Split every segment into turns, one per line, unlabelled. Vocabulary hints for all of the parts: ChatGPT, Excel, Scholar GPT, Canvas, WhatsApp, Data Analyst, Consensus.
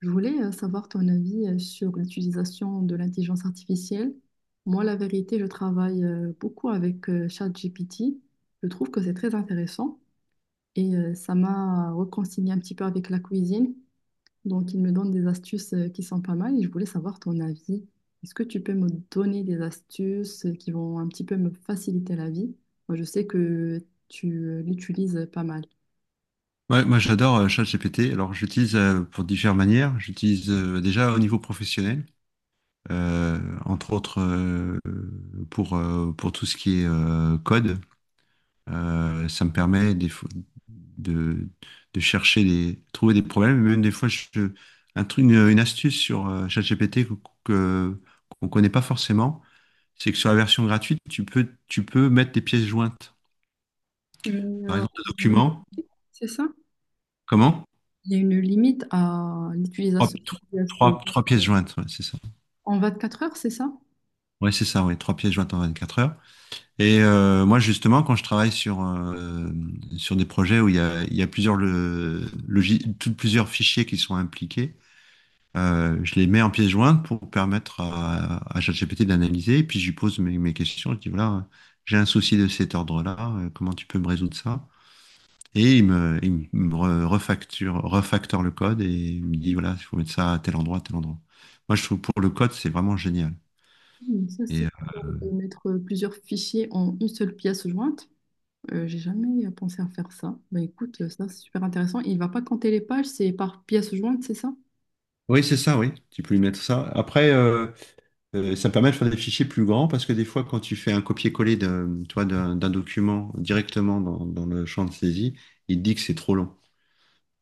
Je voulais savoir ton avis sur l'utilisation de l'intelligence artificielle. Moi, la vérité, je travaille beaucoup avec ChatGPT. Je trouve que c'est très intéressant et ça m'a réconcilié un petit peu avec la cuisine. Donc, il me donne des astuces qui sont pas mal et je voulais savoir ton avis. Est-ce que tu peux me donner des astuces qui vont un petit peu me faciliter la vie? Moi, je sais que tu l'utilises pas mal.
Ouais, moi j'adore ChatGPT. Alors j'utilise pour diverses manières. J'utilise déjà au niveau professionnel, euh, entre autres euh, pour tout ce qui est code. Ça me permet des fois de, de chercher trouver des problèmes. Même des fois, un truc, une astuce sur ChatGPT que- qu'on connaît pas forcément, c'est que sur la version gratuite, tu peux mettre des pièces jointes.
Mais,
Par exemple, un document.
c'est ça?
Comment?
Il y a une limite à
Trois,
l'utilisation de ce-
trois pièces jointes, ouais, c'est ça.
en 24 heures, c'est ça?
Oui, c'est ça, oui, trois pièces jointes en 24 heures. Et moi, justement, quand je travaille sur des projets où il y a plusieurs, plusieurs fichiers qui sont impliqués, je les mets en pièces jointes pour permettre à ChatGPT d'analyser. Et puis, je lui pose mes questions. Je dis, voilà, j'ai un souci de cet ordre-là. Comment tu peux me résoudre ça? Et il me refactore le code et il me dit, voilà, il faut mettre ça à tel endroit, à tel endroit. Moi, je trouve pour le code, c'est vraiment génial.
Hmm, Ça,
Et
c'est
euh,
de mettre plusieurs fichiers en une seule pièce jointe. J'ai jamais pensé à faire ça. Bah écoute, ça c'est super intéressant. Il va pas compter les pages, c'est par pièce jointe, c'est ça?
Oui, c'est ça, oui. Tu peux lui mettre ça. Après, ça me permet de faire des fichiers plus grands parce que des fois, quand tu fais un copier-coller d'un document directement dans le champ de saisie, il te dit que c'est trop long.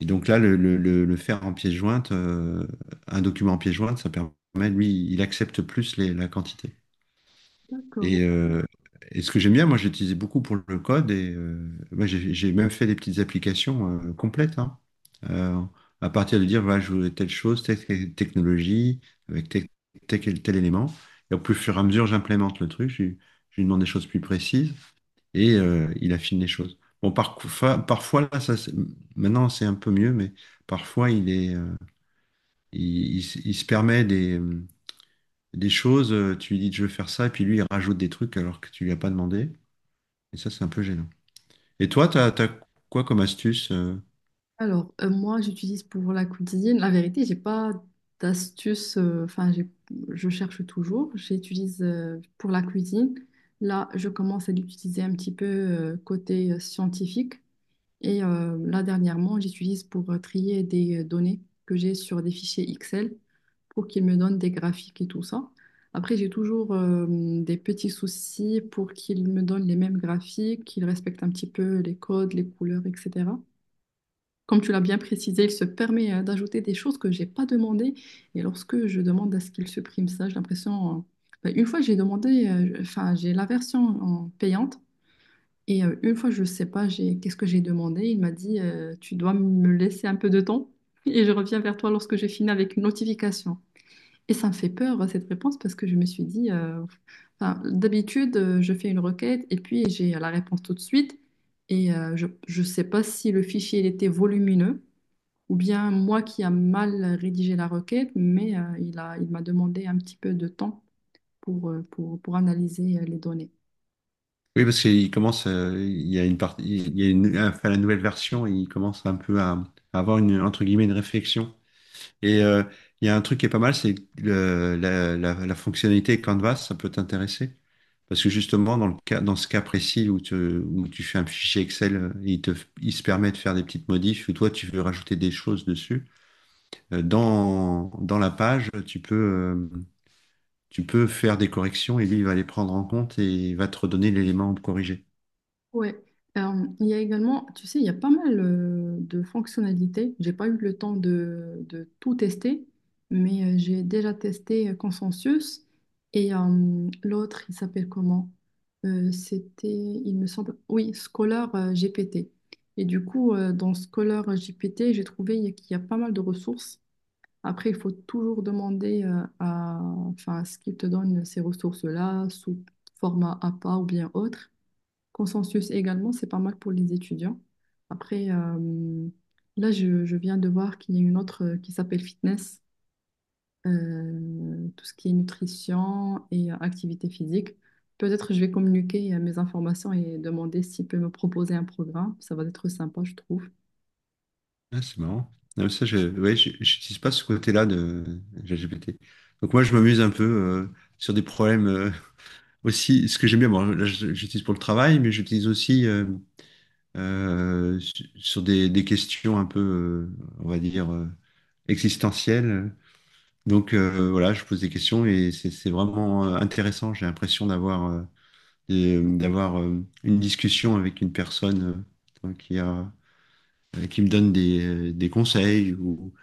Et donc là, le faire en pièce jointe, un document en pièce jointe, ça permet, lui, il accepte plus la quantité.
D'accord.
Et, euh, et ce que j'aime bien, moi, j'ai utilisé beaucoup pour le code et moi, j'ai même fait des petites applications complètes, hein. Euh, à partir de dire, voilà, je voulais telle chose, telle technologie, avec tel élément. Et au plus fur et à mesure, j'implémente le truc, je lui demande des choses plus précises et il affine les choses. Bon, parfois là, maintenant, c'est un peu mieux, mais parfois, il est, il s- il se permet des choses, tu lui dis je veux faire ça, et puis lui il rajoute des trucs alors que tu lui as pas demandé. Et ça, c'est un peu gênant. Et toi, t'as quoi comme astuce?
Alors, moi, j'utilise pour la cuisine. La vérité, j'ai pas d'astuce. Enfin, je cherche toujours. J'utilise pour la cuisine. Là, je commence à l'utiliser un petit peu côté scientifique. Et là, dernièrement, j'utilise pour trier des données que j'ai sur des fichiers Excel pour qu'ils me donnent des graphiques et tout ça. Après, j'ai toujours des petits soucis pour qu'ils me donnent les mêmes graphiques, qu'ils respectent un petit peu les codes, les couleurs, etc. Comme tu l'as bien précisé, il se permet d'ajouter des choses que j'ai pas demandées. Et lorsque je demande à ce qu'il supprime ça, j'ai l'impression... ben, une fois, j'ai demandé, enfin, j'ai la version en payante. Et une fois, je sais pas, j'ai qu'est-ce que j'ai demandé. Il m'a dit, tu dois me laisser un peu de temps et je reviens vers toi lorsque j'ai fini avec une notification. Et ça me fait peur, cette réponse, parce que je me suis dit, enfin, d'habitude, je fais une requête et puis j'ai la réponse tout de suite. Et je ne sais pas si le fichier il était volumineux ou bien moi qui a mal rédigé la requête, mais il m'a demandé un petit peu de temps pour, pour analyser les données.
Oui, parce qu'il commence, il y a une, enfin, la nouvelle version, il commence un peu à avoir une, entre guillemets, une réflexion. Et il y a un truc qui est pas mal, c'est la fonctionnalité Canvas, ça peut t'intéresser. Parce que justement, dans ce cas précis où où tu fais un fichier Excel, il se permet de faire des petites modifs, ou toi, tu veux rajouter des choses dessus. Dans la page, tu peux faire des corrections et lui, il va les prendre en compte et il va te redonner l'élément corrigé.
Ouais. Euh, il y a également, tu sais, il y a pas mal de fonctionnalités. J'ai pas eu le temps de tout tester, mais j'ai déjà testé Consensus et l'autre, il s'appelle comment? C'était, il me semble, oui, Scholar GPT. Et du coup, dans Scholar GPT, j'ai trouvé qu'il y a pas mal de ressources. Après, il faut toujours demander enfin, à ce qu'il te donne ces ressources-là sous format APA ou bien autre. Consensus également, c'est pas mal pour les étudiants. Après, là, je viens de voir qu'il y a une autre qui s'appelle fitness, tout ce qui est nutrition et activité physique. Peut-être je vais communiquer mes informations et demander s'il peut me proposer un programme. Ça va être sympa, je trouve.
Ah, c'est marrant. Non, mais ça, ouais, j'utilise pas ce côté-là de GPT. Donc moi, je m'amuse un peu sur des problèmes aussi. Ce que j'aime bien, bon, là, j'utilise pour le travail, mais j'utilise aussi sur des questions un peu, on va dire, existentielles. Donc voilà, je pose des questions et c'est vraiment intéressant. J'ai l'impression d'avoir une discussion avec une personne euh, qui a, qui me donne des conseils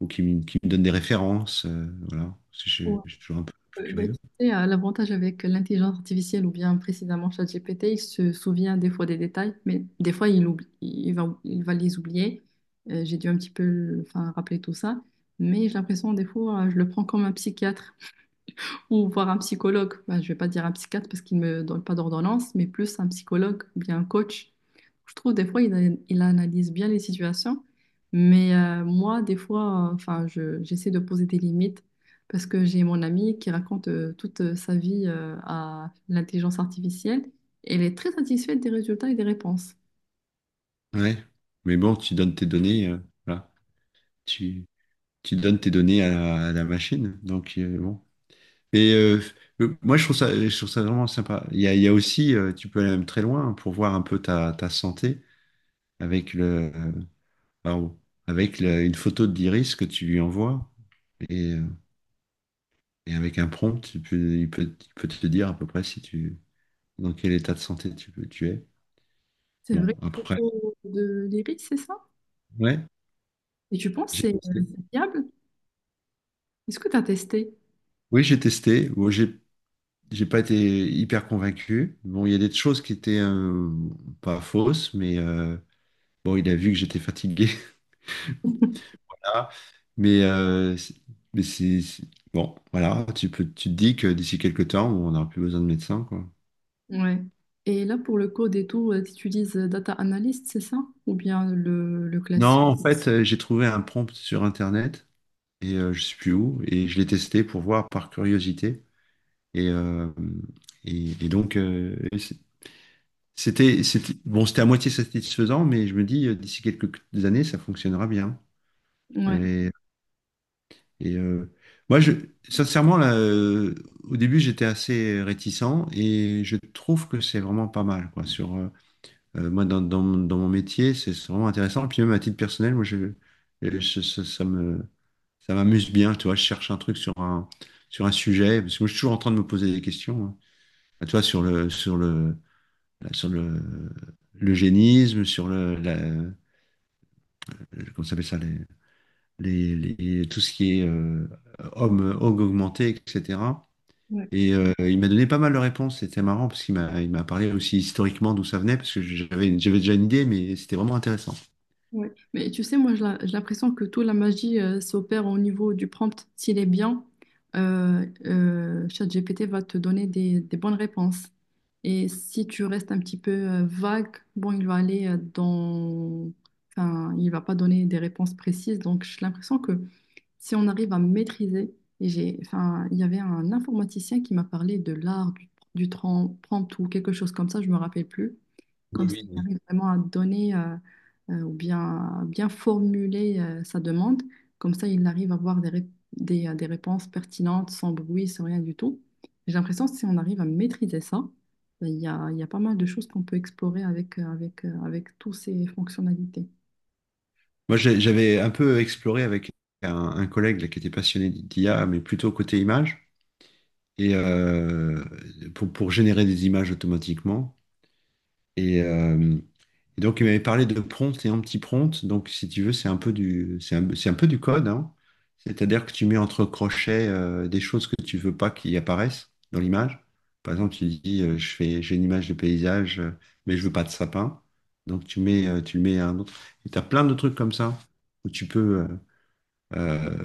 ou qui me donne des références. Voilà. Parce que je suis toujours un peu
Bah, tu
curieux.
sais, l'avantage avec l'intelligence artificielle ou bien précisément ChatGPT, il se souvient des fois des détails, mais des fois il oublie, il va les oublier. J'ai dû un petit peu enfin, rappeler tout ça, mais j'ai l'impression des fois je le prends comme un psychiatre. Ou voir un psychologue. Ben, je vais pas dire un psychiatre parce qu'il me donne pas d'ordonnance, mais plus un psychologue ou bien un coach. Je trouve des fois, il analyse bien les situations. Mais moi, des fois, enfin, j'essaie de poser des limites parce que j'ai mon amie qui raconte toute sa vie à l'intelligence artificielle et elle est très satisfaite des résultats et des réponses.
Ouais. Mais bon, tu donnes tes données, voilà. Tu, Tu donnes tes données à la machine. Donc, bon. Et euh, Moi, je trouve ça vraiment sympa. Il y a aussi, tu peux aller même très loin pour voir un peu ta santé avec Waouh. Avec une photo de l'iris que tu lui envoies et, euh, et avec un prompt, il peut te dire à peu près si dans quel état de santé tu es.
C'est vrai,
Bon, après,
photo de l'iris, c'est ça?
ouais,
Et tu penses que
j'ai
c'est
testé.
fiable? Est-ce que tu as testé?
Oui, j'ai testé. Bon, j'ai pas été hyper convaincu. Bon, il y a des choses qui étaient pas fausses, mais bon, il a vu que j'étais fatigué. Voilà. Mais, euh, c'est- mais c'est, c'est- bon, voilà, tu te dis que d'ici quelques temps, on n'aura plus besoin de médecin, quoi.
Ouais. Et là, pour le code et tout, tu utilises Data Analyst, c'est ça? Ou bien le
Non,
classique?
en fait, j'ai trouvé un prompt sur Internet et je sais plus où et je l'ai testé pour voir par curiosité et euh, et donc c'était bon, c'était à moitié satisfaisant, mais je me dis d'ici quelques années ça fonctionnera bien.
Ouais,
Et, et, euh, Moi, je sincèrement là, au début j'étais assez réticent et je trouve que c'est vraiment pas mal quoi sur moi, dans mon métier, c'est vraiment intéressant. Puis même à titre personnel, ça, ça m'amuse bien. Tu vois, je cherche un truc sur sur un sujet, parce que moi, je suis toujours en train de me poser des questions, hein. Bah, tu vois, sur sur le, l'eugénisme, sur comment ça s'appelle ça, tout ce qui est homme augmenté, etc.
ouais,
Et il m'a donné pas mal de réponses. C'était marrant parce qu'il m'a parlé aussi historiquement d'où ça venait, parce que j'avais déjà une idée, mais c'était vraiment intéressant.
ouais. Mais tu sais, moi, j'ai l'impression que toute la magie s'opère au niveau du prompt. S'il est bien, ChatGPT va te donner des bonnes réponses. Et si tu restes un petit peu vague, bon, il va aller dans... Enfin, il va pas donner des réponses précises. Donc, j'ai l'impression que si on arrive à maîtriser, et enfin, il y avait un informaticien qui m'a parlé de l'art du, prompt ou quelque chose comme ça, je me rappelle plus.
Oui,
Comme ça, on
oui.
arrive vraiment à donner ou bien, à bien formuler sa demande. Comme ça, il arrive à avoir des réponses pertinentes, sans bruit, sans rien du tout. J'ai l'impression que si on arrive à maîtriser ça, ben, il y a pas mal de choses qu'on peut explorer avec, avec toutes ces fonctionnalités.
Moi, j'avais un peu exploré avec un collègue là, qui était passionné d'IA, mais plutôt côté image, et pour générer des images automatiquement. Et, euh, donc, il m'avait parlé de prompt et anti-prompt. Donc, si tu veux, c'est un peu c'est un peu du code, hein. C'est-à-dire que tu mets entre crochets des choses que tu veux pas qui apparaissent dans l'image. Par exemple, tu dis, j'ai une image de paysage, mais je veux pas de sapin. Donc, tu mets, tu le mets à un autre. Et tu as plein de trucs comme ça où euh,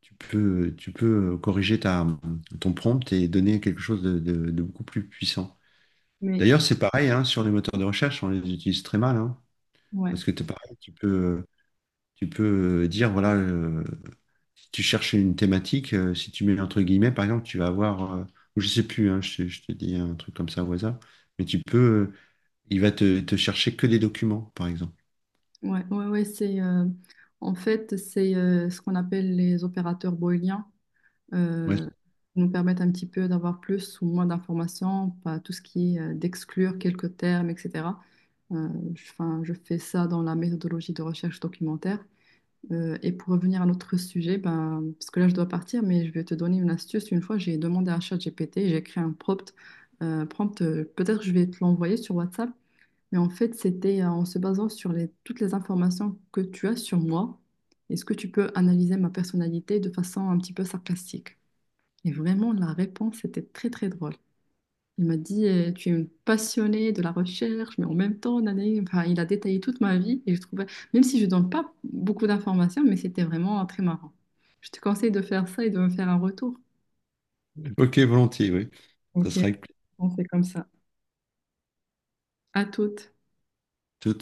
tu peux corriger ton prompt et donner quelque chose de beaucoup plus puissant.
Mais
D'ailleurs, c'est pareil, hein, sur les moteurs de recherche, on les utilise très mal, hein,
ouais.
parce que t'es pareil, tu peux dire, voilà, si tu cherches une thématique, si tu mets entre guillemets, par exemple, tu vas avoir, ou je sais plus, hein, je te dis un truc comme ça au hasard, mais il va te chercher que des documents, par exemple.
Ouais, ouais, ouais, c'est en fait c'est ce qu'on appelle les opérateurs booléens
Ouais.
euh, qui nous permettent un petit peu d'avoir plus ou moins d'informations, pas tout ce qui est d'exclure quelques termes, etc. Euh, je, 'fin, je fais ça dans la méthodologie de recherche documentaire. Et pour revenir à notre sujet, ben, parce que là je dois partir, mais je vais te donner une astuce. Une fois, j'ai demandé à ChatGPT, j'ai créé un prompt, peut-être je vais te l'envoyer sur WhatsApp. Mais en fait, c'était en se basant sur toutes les informations que tu as sur moi, est-ce que tu peux analyser ma personnalité de façon un petit peu sarcastique? Et vraiment, la réponse était très très drôle. Il m'a dit, tu es une passionnée de la recherche, mais en même temps, nanani. Enfin, il a détaillé toute ma vie et je trouvais, même si je donne pas beaucoup d'informations, mais c'était vraiment très marrant. Je te conseille de faire ça et de me faire un retour.
Ok, volontiers, oui. Ça
Ok,
sera avec plaisir.
on fait comme ça. À toutes.
Tout.